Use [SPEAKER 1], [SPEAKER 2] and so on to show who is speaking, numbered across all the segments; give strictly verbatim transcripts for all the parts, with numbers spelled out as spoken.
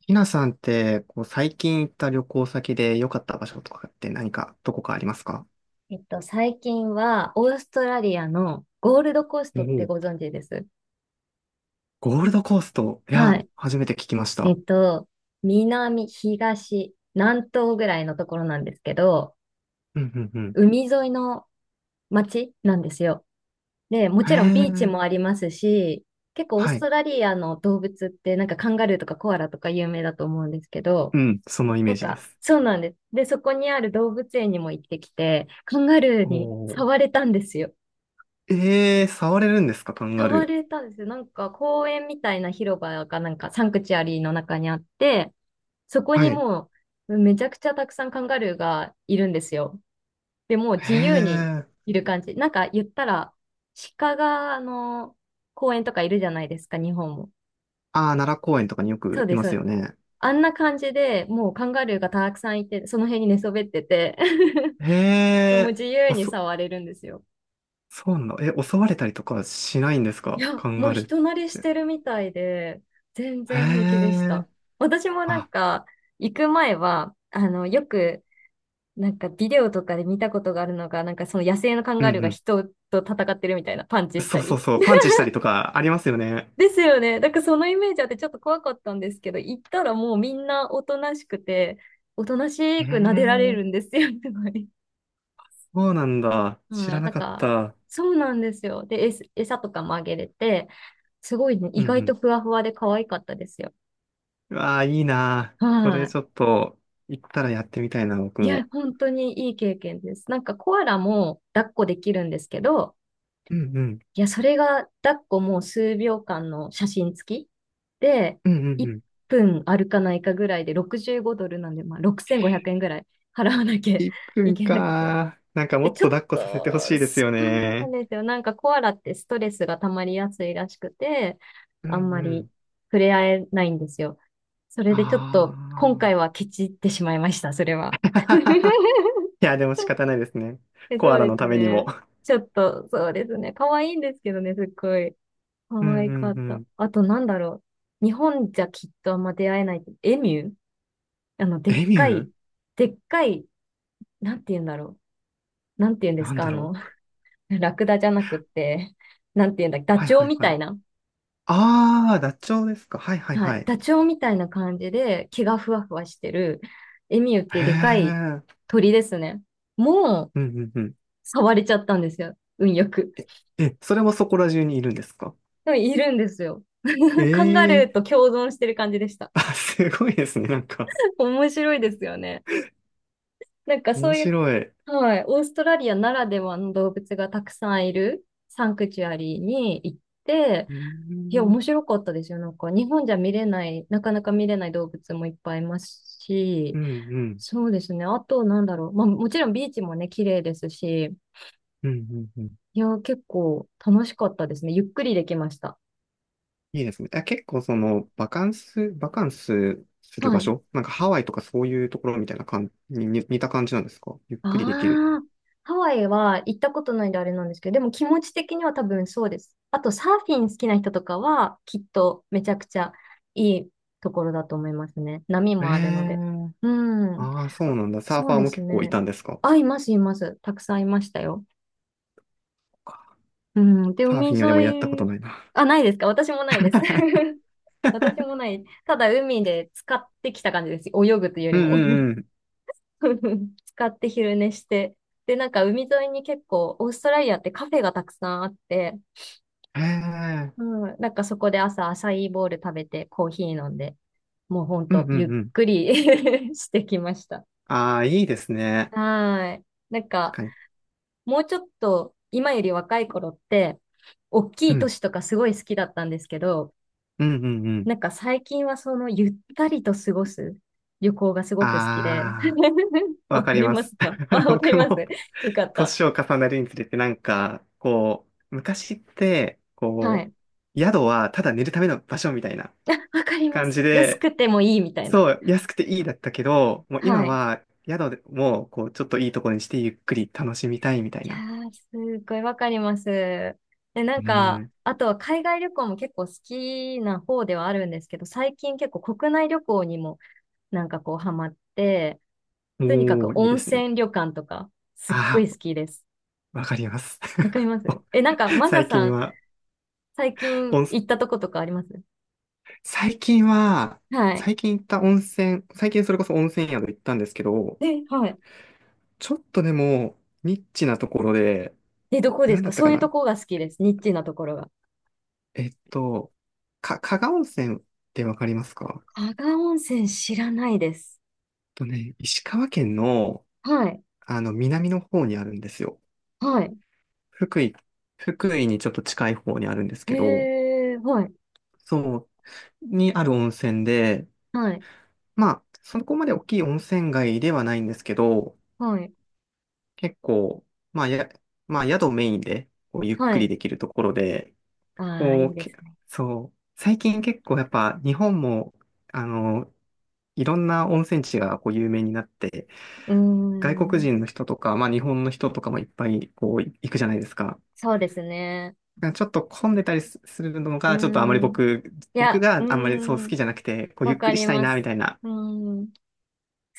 [SPEAKER 1] ひなさんって、こう、最近行った旅行先で良かった場所とかって何か、どこかありますか？
[SPEAKER 2] えっと、最近は、オーストラリアのゴールドコース
[SPEAKER 1] お
[SPEAKER 2] トっ
[SPEAKER 1] お
[SPEAKER 2] て
[SPEAKER 1] う、
[SPEAKER 2] ご存知です。
[SPEAKER 1] ゴールドコースト。い
[SPEAKER 2] は
[SPEAKER 1] や、
[SPEAKER 2] い。
[SPEAKER 1] 初めて聞きまし
[SPEAKER 2] え
[SPEAKER 1] た。
[SPEAKER 2] っと、南、東、南東ぐらいのところなんですけど、
[SPEAKER 1] うんうんうん。
[SPEAKER 2] 海沿いの街なんですよ。で、も
[SPEAKER 1] へ
[SPEAKER 2] ちろんビーチ
[SPEAKER 1] え、
[SPEAKER 2] もありますし、結構オー
[SPEAKER 1] は
[SPEAKER 2] ス
[SPEAKER 1] い。
[SPEAKER 2] トラリアの動物ってなんかカンガルーとかコアラとか有名だと思うんですけど、
[SPEAKER 1] うん、そのイメ
[SPEAKER 2] な
[SPEAKER 1] ー
[SPEAKER 2] ん
[SPEAKER 1] ジで
[SPEAKER 2] か、
[SPEAKER 1] す。
[SPEAKER 2] そうなんです。で、そこにある動物園にも行ってきて、カンガル
[SPEAKER 1] お
[SPEAKER 2] ーに
[SPEAKER 1] お。
[SPEAKER 2] 触れたんですよ。
[SPEAKER 1] ええー、触れるんですか、カンガ
[SPEAKER 2] 触
[SPEAKER 1] ル
[SPEAKER 2] れたんですよ。なんか公園みたいな広場がなんかサンクチュアリーの中にあって、そこ
[SPEAKER 1] ー。は
[SPEAKER 2] に
[SPEAKER 1] い。
[SPEAKER 2] もうめちゃくちゃたくさんカンガルーがいるんですよ。で、もう
[SPEAKER 1] へ
[SPEAKER 2] 自由に
[SPEAKER 1] え。
[SPEAKER 2] いる感じ。なんか言ったら、鹿があの公園とかいるじゃないですか、日本も。
[SPEAKER 1] ああ、奈良公園とかによ
[SPEAKER 2] そう
[SPEAKER 1] くい
[SPEAKER 2] です。
[SPEAKER 1] ま
[SPEAKER 2] そ
[SPEAKER 1] す
[SPEAKER 2] うで
[SPEAKER 1] よ
[SPEAKER 2] す。
[SPEAKER 1] ね。
[SPEAKER 2] あんな感じでもうカンガルーがたくさんいて、その辺に寝そべってて
[SPEAKER 1] へ
[SPEAKER 2] もう
[SPEAKER 1] え、
[SPEAKER 2] 自由
[SPEAKER 1] お
[SPEAKER 2] に
[SPEAKER 1] そ、
[SPEAKER 2] 触れるんですよ。
[SPEAKER 1] そうなの。え、襲われたりとかしないんです
[SPEAKER 2] い
[SPEAKER 1] か、
[SPEAKER 2] や、
[SPEAKER 1] カン
[SPEAKER 2] も
[SPEAKER 1] ガ
[SPEAKER 2] う
[SPEAKER 1] ルーっ
[SPEAKER 2] 人慣れし
[SPEAKER 1] て。
[SPEAKER 2] てるみたいで、全
[SPEAKER 1] へ
[SPEAKER 2] 然平気でし
[SPEAKER 1] え。
[SPEAKER 2] た。私もなん
[SPEAKER 1] あ、
[SPEAKER 2] か、行く前は、あの、よく、なんかビデオとかで見たことがあるのが、なんかその野生のカン
[SPEAKER 1] うん
[SPEAKER 2] ガルー
[SPEAKER 1] う
[SPEAKER 2] が
[SPEAKER 1] ん、
[SPEAKER 2] 人と戦ってるみたいな、パンチし
[SPEAKER 1] そ
[SPEAKER 2] た
[SPEAKER 1] うそう
[SPEAKER 2] り。
[SPEAKER 1] そう、パンチしたりとかありますよね。
[SPEAKER 2] ですよね。だからそのイメージあってちょっと怖かったんですけど、行ったらもうみんなおとなしくて、おとな
[SPEAKER 1] え
[SPEAKER 2] しく撫でられ
[SPEAKER 1] ー、
[SPEAKER 2] るんですよね、すごい。
[SPEAKER 1] そうなんだ。
[SPEAKER 2] う
[SPEAKER 1] 知ら
[SPEAKER 2] ん、な
[SPEAKER 1] な
[SPEAKER 2] ん
[SPEAKER 1] かっ
[SPEAKER 2] か、
[SPEAKER 1] た。
[SPEAKER 2] そうなんですよ。で、えす餌とかもあげれて、すごいね、
[SPEAKER 1] う
[SPEAKER 2] 意
[SPEAKER 1] んう
[SPEAKER 2] 外
[SPEAKER 1] ん。
[SPEAKER 2] とふわふわで可愛かったですよ。
[SPEAKER 1] うわあ、いいなー。そ
[SPEAKER 2] は
[SPEAKER 1] れちょ
[SPEAKER 2] い。
[SPEAKER 1] っと、行ったらやってみたいな、僕
[SPEAKER 2] いや、
[SPEAKER 1] も。
[SPEAKER 2] 本当にいい経験です。なんかコアラも抱っこできるんですけど、
[SPEAKER 1] うんうん。
[SPEAKER 2] いや、それが抱っこもう数秒間の写真付きで、
[SPEAKER 1] うんうんう
[SPEAKER 2] 1
[SPEAKER 1] ん。
[SPEAKER 2] 分歩かないかぐらいでろくじゅうごドルなんで、まあ、ろくせんごひゃくえんぐらい払わなきゃ
[SPEAKER 1] 1
[SPEAKER 2] い
[SPEAKER 1] 分
[SPEAKER 2] けなくて。
[SPEAKER 1] かー。なんかも
[SPEAKER 2] で、
[SPEAKER 1] っ
[SPEAKER 2] ち
[SPEAKER 1] と
[SPEAKER 2] ょっ
[SPEAKER 1] 抱っこさせてほし
[SPEAKER 2] と、
[SPEAKER 1] いです
[SPEAKER 2] そ
[SPEAKER 1] よ
[SPEAKER 2] うなん
[SPEAKER 1] ね。
[SPEAKER 2] ですよ。なんかコアラってストレスが溜まりやすいらしくて、
[SPEAKER 1] うん
[SPEAKER 2] あんま
[SPEAKER 1] う
[SPEAKER 2] り
[SPEAKER 1] ん。
[SPEAKER 2] 触れ合えないんですよ。それ
[SPEAKER 1] あ
[SPEAKER 2] でちょっと今回はケチってしまいました、それ
[SPEAKER 1] あ。
[SPEAKER 2] は。
[SPEAKER 1] いや、でも仕方ないですね。
[SPEAKER 2] え、
[SPEAKER 1] コ
[SPEAKER 2] そ
[SPEAKER 1] ア
[SPEAKER 2] う
[SPEAKER 1] ラ
[SPEAKER 2] で
[SPEAKER 1] の
[SPEAKER 2] す
[SPEAKER 1] ためにも。
[SPEAKER 2] ね。ちょっと、そうですね。可愛いんですけどね、すっごい。
[SPEAKER 1] う
[SPEAKER 2] 可
[SPEAKER 1] ん
[SPEAKER 2] 愛
[SPEAKER 1] う
[SPEAKER 2] か
[SPEAKER 1] ん
[SPEAKER 2] っ
[SPEAKER 1] う
[SPEAKER 2] た。
[SPEAKER 1] ん。
[SPEAKER 2] あと、なんだろう。日本じゃきっとあんま出会えない。エミュー、あの、でっ
[SPEAKER 1] エミ
[SPEAKER 2] か
[SPEAKER 1] ュー、
[SPEAKER 2] い、でっかい、なんて言うんだろう。なんて言うんです
[SPEAKER 1] なん
[SPEAKER 2] か、あ
[SPEAKER 1] だろ
[SPEAKER 2] の、
[SPEAKER 1] う。
[SPEAKER 2] ラクダじゃなくって、なんて言うんだっけ、ダ
[SPEAKER 1] はい
[SPEAKER 2] チョウ
[SPEAKER 1] はい
[SPEAKER 2] み
[SPEAKER 1] は
[SPEAKER 2] たい
[SPEAKER 1] い。
[SPEAKER 2] な。
[SPEAKER 1] ああ、ダチョウですか。はいはい
[SPEAKER 2] は
[SPEAKER 1] は
[SPEAKER 2] い。
[SPEAKER 1] い。
[SPEAKER 2] ダチョウみたいな感じで、毛がふわふわしてる、エミューっていう
[SPEAKER 1] へ
[SPEAKER 2] でかい
[SPEAKER 1] え。
[SPEAKER 2] 鳥ですね。もう、
[SPEAKER 1] うんうんうん。
[SPEAKER 2] 触れちゃったんですよ。運よく。
[SPEAKER 1] え、え、それもそこら中にいるんですか？
[SPEAKER 2] でもいるんですよ。カンガ
[SPEAKER 1] え
[SPEAKER 2] ル
[SPEAKER 1] え、
[SPEAKER 2] ーと共存してる感じでした。
[SPEAKER 1] あ、すごいですね。なんか、
[SPEAKER 2] 面白いですよね。なんかそ
[SPEAKER 1] 面
[SPEAKER 2] ういう、
[SPEAKER 1] 白い。う
[SPEAKER 2] はい、オーストラリアならではの動物がたくさんいるサンクチュアリーに行って、
[SPEAKER 1] ー
[SPEAKER 2] いや、
[SPEAKER 1] ん、
[SPEAKER 2] 面白かったですよ。なんか日本じゃ見れない、なかなか見れない動物もいっぱいいますし、
[SPEAKER 1] うん、うん、
[SPEAKER 2] そうですね。あと、なんだろう。まあ、もちろんビーチもね、綺麗ですし、
[SPEAKER 1] うん、うん。うん、
[SPEAKER 2] いや、結構楽しかったですね。ゆっくりできました。
[SPEAKER 1] いいですね。あ、結構その、バカンス、バカンスする
[SPEAKER 2] は
[SPEAKER 1] 場
[SPEAKER 2] い。
[SPEAKER 1] 所なんかハワイとかそういうところみたいな感じに、に似た感じなんですか、ゆっ
[SPEAKER 2] あ
[SPEAKER 1] くりできる。
[SPEAKER 2] あ、ハワイは行ったことないんであれなんですけど、でも気持ち的には多分そうです。あとサーフィン好きな人とかはきっとめちゃくちゃいいところだと思いますね。波
[SPEAKER 1] え
[SPEAKER 2] もあるので。
[SPEAKER 1] え、
[SPEAKER 2] うん。
[SPEAKER 1] ああ、そう
[SPEAKER 2] あ、
[SPEAKER 1] なんだ。サーフ
[SPEAKER 2] そう
[SPEAKER 1] ァー
[SPEAKER 2] で
[SPEAKER 1] も
[SPEAKER 2] す
[SPEAKER 1] 結構い
[SPEAKER 2] ね。
[SPEAKER 1] たんですか？
[SPEAKER 2] あ、います、います。たくさんいましたよ。うん。で、
[SPEAKER 1] サー
[SPEAKER 2] 海
[SPEAKER 1] フィンはでもやったこ
[SPEAKER 2] 沿
[SPEAKER 1] と
[SPEAKER 2] い、
[SPEAKER 1] ないな。
[SPEAKER 2] あ、ないですか、私もないです。私もない。ただ海で使ってきた感じです。泳ぐというよ
[SPEAKER 1] う
[SPEAKER 2] り
[SPEAKER 1] んう
[SPEAKER 2] も。
[SPEAKER 1] んうん。
[SPEAKER 2] 使って昼寝して。で、なんか海沿いに結構、オーストラリアってカフェがたくさんあって、
[SPEAKER 1] へえ。
[SPEAKER 2] うん、なんかそこで朝アサイーボウル食べてコーヒー飲んで、もうほん
[SPEAKER 1] うんう
[SPEAKER 2] と
[SPEAKER 1] ん
[SPEAKER 2] ゆっ
[SPEAKER 1] うん。
[SPEAKER 2] くり してきました。
[SPEAKER 1] ああ、いいですね。
[SPEAKER 2] はーい。なん
[SPEAKER 1] 確
[SPEAKER 2] か、
[SPEAKER 1] かに。
[SPEAKER 2] もうちょっと今より若い頃って、大き
[SPEAKER 1] う
[SPEAKER 2] い都
[SPEAKER 1] ん。
[SPEAKER 2] 市とかすごい好きだったんですけど、
[SPEAKER 1] うん、うん、うん。
[SPEAKER 2] なんか最近はそのゆったりと過ごす旅行がすごく好きで。
[SPEAKER 1] あ あ、わ
[SPEAKER 2] わ
[SPEAKER 1] か
[SPEAKER 2] か
[SPEAKER 1] り
[SPEAKER 2] り
[SPEAKER 1] ま
[SPEAKER 2] ます
[SPEAKER 1] す。
[SPEAKER 2] か、あ、わかり
[SPEAKER 1] 僕
[SPEAKER 2] ます。
[SPEAKER 1] も、
[SPEAKER 2] よかった。
[SPEAKER 1] 年を重ねるにつれて、なんか、こう、昔って、
[SPEAKER 2] は
[SPEAKER 1] こ
[SPEAKER 2] い。
[SPEAKER 1] う、宿はただ寝るための場所みたいな
[SPEAKER 2] あ、わかりま
[SPEAKER 1] 感
[SPEAKER 2] す。
[SPEAKER 1] じ
[SPEAKER 2] 安
[SPEAKER 1] で、
[SPEAKER 2] くてもいいみたいな。
[SPEAKER 1] そう、安くていいだったけど、もう今
[SPEAKER 2] はい。
[SPEAKER 1] は、宿でも、こう、ちょっといいところにして、ゆっくり楽しみたいみたい
[SPEAKER 2] いや
[SPEAKER 1] な。
[SPEAKER 2] ー、すっごいわかります。で、なん
[SPEAKER 1] う
[SPEAKER 2] か、
[SPEAKER 1] ん。
[SPEAKER 2] あとは海外旅行も結構好きな方ではあるんですけど、最近結構国内旅行にもなんかこうハマって、とにかく
[SPEAKER 1] おー、いい
[SPEAKER 2] 温
[SPEAKER 1] ですね。
[SPEAKER 2] 泉旅館とか、すっご
[SPEAKER 1] あ
[SPEAKER 2] い
[SPEAKER 1] あ、
[SPEAKER 2] 好きです。
[SPEAKER 1] わかります。
[SPEAKER 2] わかり ます。え、なんか、マサ
[SPEAKER 1] 最
[SPEAKER 2] さ
[SPEAKER 1] 近
[SPEAKER 2] ん、
[SPEAKER 1] は、
[SPEAKER 2] 最近
[SPEAKER 1] 温
[SPEAKER 2] 行ったとことかあります？
[SPEAKER 1] 最近は、
[SPEAKER 2] はい。
[SPEAKER 1] 最近行った温泉、最近それこそ温泉宿行ったんですけど、
[SPEAKER 2] え、はい。
[SPEAKER 1] ちょっとでも、ニッチなところで、
[SPEAKER 2] え、どこで
[SPEAKER 1] なん
[SPEAKER 2] す
[SPEAKER 1] だ
[SPEAKER 2] か？
[SPEAKER 1] った
[SPEAKER 2] そ
[SPEAKER 1] か
[SPEAKER 2] ういうと
[SPEAKER 1] な、
[SPEAKER 2] こが好きです。ニッチなところが。
[SPEAKER 1] えっと、か、加賀温泉ってわかりますか？えっ
[SPEAKER 2] 加賀温泉知らないです。
[SPEAKER 1] とね、石川県の、
[SPEAKER 2] はい。
[SPEAKER 1] あの、南の方にあるんですよ。
[SPEAKER 2] はい。
[SPEAKER 1] 福井、福井にちょっと近い方にあるんですけど、
[SPEAKER 2] へえ、はい、
[SPEAKER 1] そう、にある温泉で、
[SPEAKER 2] はい、
[SPEAKER 1] まあ、そこまで大きい温泉街ではないんですけど、
[SPEAKER 2] はい、
[SPEAKER 1] 結構、まあ、や、まあ、宿メインで、こう、ゆっ
[SPEAKER 2] は
[SPEAKER 1] くり
[SPEAKER 2] い。
[SPEAKER 1] できるところで、
[SPEAKER 2] ああ、
[SPEAKER 1] こ
[SPEAKER 2] いい
[SPEAKER 1] う、
[SPEAKER 2] で
[SPEAKER 1] け、
[SPEAKER 2] すね。
[SPEAKER 1] そう、最近結構やっぱ、日本も、あの、いろんな温泉地がこう有名になって、
[SPEAKER 2] うー
[SPEAKER 1] 外国
[SPEAKER 2] ん、
[SPEAKER 1] 人の人とか、まあ、日本の人とかもいっぱい、こう、行くじゃないですか。
[SPEAKER 2] そうですね。
[SPEAKER 1] だからちょっと混んでたりすするの
[SPEAKER 2] うー
[SPEAKER 1] が、ちょっとあまり
[SPEAKER 2] ん、
[SPEAKER 1] 僕、
[SPEAKER 2] い
[SPEAKER 1] 僕
[SPEAKER 2] や、
[SPEAKER 1] が
[SPEAKER 2] う
[SPEAKER 1] あんまりそう
[SPEAKER 2] ー
[SPEAKER 1] 好
[SPEAKER 2] ん、
[SPEAKER 1] きじゃなくて、こう、ゆ
[SPEAKER 2] わ
[SPEAKER 1] っく
[SPEAKER 2] か
[SPEAKER 1] りし
[SPEAKER 2] り
[SPEAKER 1] たい
[SPEAKER 2] ま
[SPEAKER 1] な、み
[SPEAKER 2] す。
[SPEAKER 1] たいな、
[SPEAKER 2] うーん、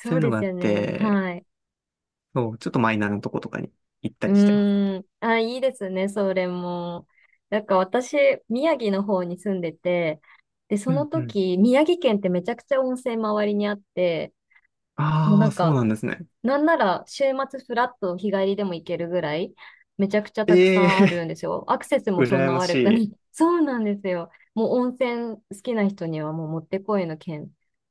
[SPEAKER 1] そうい
[SPEAKER 2] う
[SPEAKER 1] うの
[SPEAKER 2] で
[SPEAKER 1] があ
[SPEAKER 2] す
[SPEAKER 1] っ
[SPEAKER 2] よね。
[SPEAKER 1] て、
[SPEAKER 2] はい。
[SPEAKER 1] そう、ちょっとマイナーなとことかに行った
[SPEAKER 2] う
[SPEAKER 1] りしてます。
[SPEAKER 2] ーん、あ、いいですね、それも。なんか私、宮城の方に住んでて、で、そ
[SPEAKER 1] う
[SPEAKER 2] の
[SPEAKER 1] んうん。
[SPEAKER 2] 時、宮城県ってめちゃくちゃ温泉周りにあって、もう
[SPEAKER 1] あ
[SPEAKER 2] な
[SPEAKER 1] あ、
[SPEAKER 2] ん
[SPEAKER 1] そう
[SPEAKER 2] か、
[SPEAKER 1] なんですね。
[SPEAKER 2] なんなら週末フラッと日帰りでも行けるぐらい、めちゃくちゃたくさんある
[SPEAKER 1] え
[SPEAKER 2] ん
[SPEAKER 1] え
[SPEAKER 2] ですよ。アクセスも
[SPEAKER 1] ー、
[SPEAKER 2] そん
[SPEAKER 1] 羨
[SPEAKER 2] な
[SPEAKER 1] まし
[SPEAKER 2] 悪くない。
[SPEAKER 1] い。
[SPEAKER 2] そうなんですよ。もう温泉好きな人にはもうもってこいの県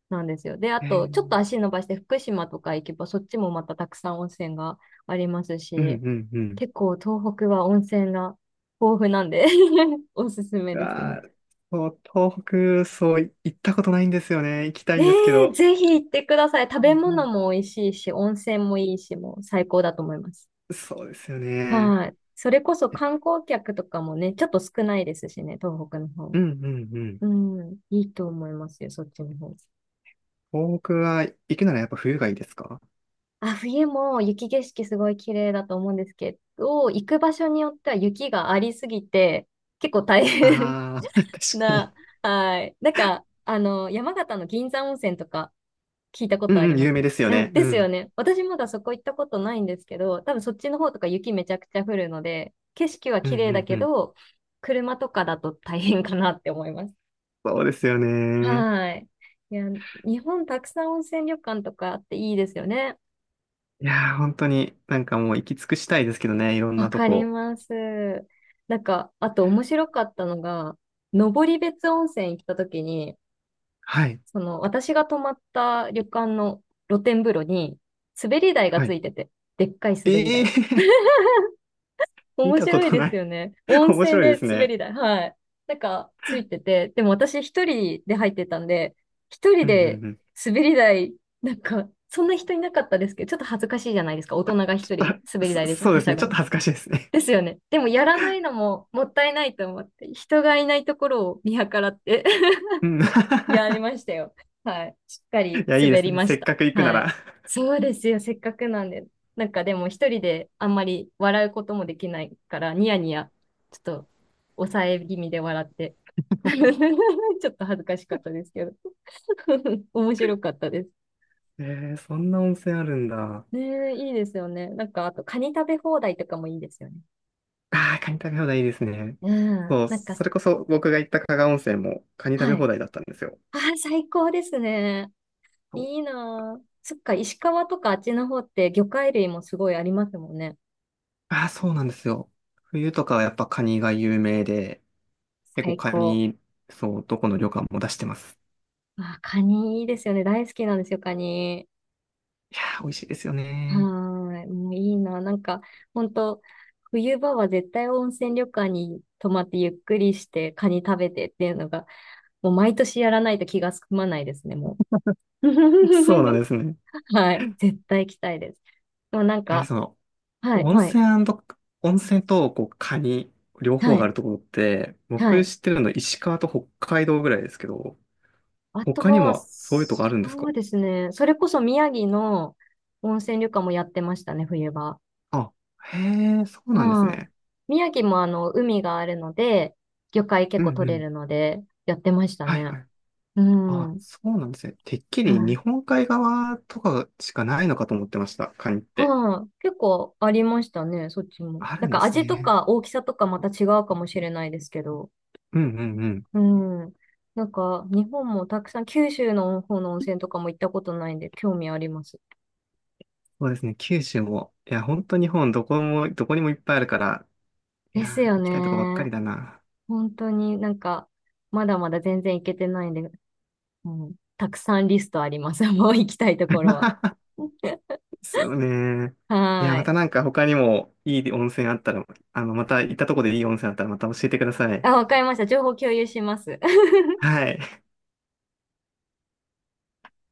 [SPEAKER 2] なんですよ。で、あ
[SPEAKER 1] え
[SPEAKER 2] と、ちょっと
[SPEAKER 1] ー、
[SPEAKER 2] 足伸ばして福島とか行けば、そっちもまたたくさん温泉があります
[SPEAKER 1] うん
[SPEAKER 2] し、
[SPEAKER 1] うんうん。
[SPEAKER 2] 結構東北は温泉が豊富なんで おすすめですね。
[SPEAKER 1] わー、そう、東北、そう、行ったことないんですよね。行きた
[SPEAKER 2] え
[SPEAKER 1] いんですけ
[SPEAKER 2] ー、
[SPEAKER 1] ど。
[SPEAKER 2] ぜひ行ってください。食
[SPEAKER 1] い
[SPEAKER 2] べ
[SPEAKER 1] や
[SPEAKER 2] 物も美味しいし、温泉もいいし、もう最高だと思います。
[SPEAKER 1] ー、そうですよね。
[SPEAKER 2] はい。それこそ
[SPEAKER 1] え、
[SPEAKER 2] 観光客とかもね、ちょっと少ないですしね、東北の方。
[SPEAKER 1] うんうんうん。
[SPEAKER 2] うん、いいと思いますよ、そっちの方。
[SPEAKER 1] 東北は行くならやっぱ冬がいいですか？
[SPEAKER 2] あ、冬も雪景色すごい綺麗だと思うんですけど、行く場所によっては雪がありすぎて、結構大変
[SPEAKER 1] ああー、確か
[SPEAKER 2] な、
[SPEAKER 1] に。
[SPEAKER 2] はい。なんか、あの、山形の銀山温泉とか、聞いたこ
[SPEAKER 1] う
[SPEAKER 2] とあ
[SPEAKER 1] んう
[SPEAKER 2] り
[SPEAKER 1] ん、
[SPEAKER 2] ま
[SPEAKER 1] 有名
[SPEAKER 2] す。
[SPEAKER 1] ですよ
[SPEAKER 2] うん
[SPEAKER 1] ね。う
[SPEAKER 2] ですよ
[SPEAKER 1] ん。
[SPEAKER 2] ね。私まだそこ行ったことないんですけど、多分そっちの方とか雪めちゃくちゃ降るので、景色は
[SPEAKER 1] うん
[SPEAKER 2] 綺
[SPEAKER 1] う
[SPEAKER 2] 麗だ
[SPEAKER 1] んう
[SPEAKER 2] け
[SPEAKER 1] ん。
[SPEAKER 2] ど、車とかだと大変かなって思います。
[SPEAKER 1] そうですよね。
[SPEAKER 2] はい。いや、日本たくさん温泉旅館とかあっていいですよね。
[SPEAKER 1] いやー、本当になんかもう行き尽くしたいですけどね、いろん
[SPEAKER 2] わ
[SPEAKER 1] なと
[SPEAKER 2] かり
[SPEAKER 1] こ。
[SPEAKER 2] ます。なんか、あと面白かったのが、登別温泉行った時に、
[SPEAKER 1] はい。
[SPEAKER 2] その私が泊まった旅館の露天風呂に滑り台が
[SPEAKER 1] は
[SPEAKER 2] つ
[SPEAKER 1] い。
[SPEAKER 2] いてて、でっかい
[SPEAKER 1] え
[SPEAKER 2] 滑り
[SPEAKER 1] え
[SPEAKER 2] 台。
[SPEAKER 1] ー、見
[SPEAKER 2] 面
[SPEAKER 1] たこ
[SPEAKER 2] 白い
[SPEAKER 1] と
[SPEAKER 2] で
[SPEAKER 1] な
[SPEAKER 2] す
[SPEAKER 1] い。
[SPEAKER 2] よね。温
[SPEAKER 1] 面
[SPEAKER 2] 泉
[SPEAKER 1] 白いで
[SPEAKER 2] で
[SPEAKER 1] す
[SPEAKER 2] 滑
[SPEAKER 1] ね。
[SPEAKER 2] り台。はい。なんか、ついてて。でも私一人で入ってたんで、一人
[SPEAKER 1] うんう
[SPEAKER 2] で
[SPEAKER 1] んうん。
[SPEAKER 2] 滑り台、なんか、そんな人いなかったですけど、ちょっと恥ずかしいじゃないですか。大人が
[SPEAKER 1] ち
[SPEAKER 2] 一
[SPEAKER 1] ょ
[SPEAKER 2] 人
[SPEAKER 1] っと、
[SPEAKER 2] 滑り台
[SPEAKER 1] そ
[SPEAKER 2] でし
[SPEAKER 1] そう
[SPEAKER 2] は
[SPEAKER 1] で
[SPEAKER 2] し
[SPEAKER 1] す
[SPEAKER 2] ゃ
[SPEAKER 1] ね。
[SPEAKER 2] ぐ
[SPEAKER 1] ちょっ
[SPEAKER 2] の。
[SPEAKER 1] と恥ずかしいですね。
[SPEAKER 2] ですよね。でもやらないのももったいないと思って、人がいないところを見計らって
[SPEAKER 1] うん。い
[SPEAKER 2] やりましたよ。はい。しっかり
[SPEAKER 1] や、いいで
[SPEAKER 2] 滑
[SPEAKER 1] す
[SPEAKER 2] り
[SPEAKER 1] ね。
[SPEAKER 2] ま
[SPEAKER 1] せ
[SPEAKER 2] し
[SPEAKER 1] っ
[SPEAKER 2] た。
[SPEAKER 1] かく行くな
[SPEAKER 2] はい。
[SPEAKER 1] ら。
[SPEAKER 2] そうですよ。せっかくなんで。なんかでも一人であんまり笑うこともできないから、ニヤニヤ、ちょっと抑え気味で笑って。ちょっと恥ずかしかったですけど。面白かったです。
[SPEAKER 1] えー、そんな温泉あるんだ。あ
[SPEAKER 2] ねえ、いいですよね。なんか、あと、カニ食べ放題とかもいいですよね。
[SPEAKER 1] あ、カニ食べ放題いいですね。
[SPEAKER 2] うん。
[SPEAKER 1] そう、
[SPEAKER 2] なんか、
[SPEAKER 1] それこそ僕が行った加賀温泉もカニ食べ
[SPEAKER 2] はい。
[SPEAKER 1] 放題だったんですよ。
[SPEAKER 2] ああ、最高ですね。
[SPEAKER 1] そう、
[SPEAKER 2] いいなあ。そっか、石川とかあっちの方って魚介類もすごいありますもんね。
[SPEAKER 1] ああ、そうなんですよ。冬とかはやっぱカニが有名で、結
[SPEAKER 2] 最
[SPEAKER 1] 構カ
[SPEAKER 2] 高。
[SPEAKER 1] ニ、そう、どこの旅館も出してます。
[SPEAKER 2] あ、カニいいですよね。大好きなんですよ、カニ。
[SPEAKER 1] いやー、美味しいですよ
[SPEAKER 2] は
[SPEAKER 1] ね。
[SPEAKER 2] ーい。もういいな。なんか、本当冬場は絶対温泉旅館に泊まってゆっくりしてカニ食べてっていうのが、もう毎年やらないと気が済まないですね、もう。
[SPEAKER 1] そうな んですね。
[SPEAKER 2] はい。絶対行きたいです。でもなん
[SPEAKER 1] えー
[SPEAKER 2] か、
[SPEAKER 1] その、
[SPEAKER 2] はい、
[SPEAKER 1] 温
[SPEAKER 2] はい、
[SPEAKER 1] 泉温泉とこうカニ、両方
[SPEAKER 2] は
[SPEAKER 1] があ
[SPEAKER 2] い、
[SPEAKER 1] るところって、
[SPEAKER 2] は
[SPEAKER 1] 僕
[SPEAKER 2] い。
[SPEAKER 1] 知ってるの石川と北海道ぐらいですけど、
[SPEAKER 2] あと
[SPEAKER 1] 他に
[SPEAKER 2] は、
[SPEAKER 1] もそういうとこあるんです
[SPEAKER 2] そう
[SPEAKER 1] か？
[SPEAKER 2] ですね。それこそ宮城の温泉旅館もやってましたね、冬場。
[SPEAKER 1] あ、へえ、そうなんです
[SPEAKER 2] はい。
[SPEAKER 1] ね。
[SPEAKER 2] 宮城もあの、海があるので、魚介結
[SPEAKER 1] うん
[SPEAKER 2] 構
[SPEAKER 1] う
[SPEAKER 2] 取れ
[SPEAKER 1] ん。
[SPEAKER 2] るので、やってました
[SPEAKER 1] はいは
[SPEAKER 2] ね。
[SPEAKER 1] い。
[SPEAKER 2] う
[SPEAKER 1] あ、
[SPEAKER 2] ん。
[SPEAKER 1] そうなんですね。てっき
[SPEAKER 2] は
[SPEAKER 1] り日
[SPEAKER 2] い。
[SPEAKER 1] 本海側とかしかないのかと思ってました、カニって。
[SPEAKER 2] はい。結構ありましたね、そっちも。
[SPEAKER 1] あ
[SPEAKER 2] なん
[SPEAKER 1] るんで
[SPEAKER 2] か
[SPEAKER 1] す
[SPEAKER 2] 味と
[SPEAKER 1] ね。
[SPEAKER 2] か大きさとかまた違うかもしれないですけど。
[SPEAKER 1] うんうんうん。
[SPEAKER 2] うん。なんか、日本もたくさん、九州の方の温泉とかも行ったことないんで、興味あります。
[SPEAKER 1] そうですね、九州も。いや、本当日本どこも、どこにもいっぱいあるから、い
[SPEAKER 2] で
[SPEAKER 1] や、
[SPEAKER 2] すよ
[SPEAKER 1] 行きたいとこばっかり
[SPEAKER 2] ね。
[SPEAKER 1] だな。
[SPEAKER 2] 本当になんか、まだまだ全然行けてないんで、うん、たくさんリストあります。もう行きたいところは。
[SPEAKER 1] ですよね。いや、
[SPEAKER 2] は
[SPEAKER 1] ま
[SPEAKER 2] ー
[SPEAKER 1] た
[SPEAKER 2] い。
[SPEAKER 1] なんか他にもいい温泉あったら、あの、また行ったとこでいい温泉あったらまた教えてください。
[SPEAKER 2] あ、わかりました。情報共有します。
[SPEAKER 1] はい。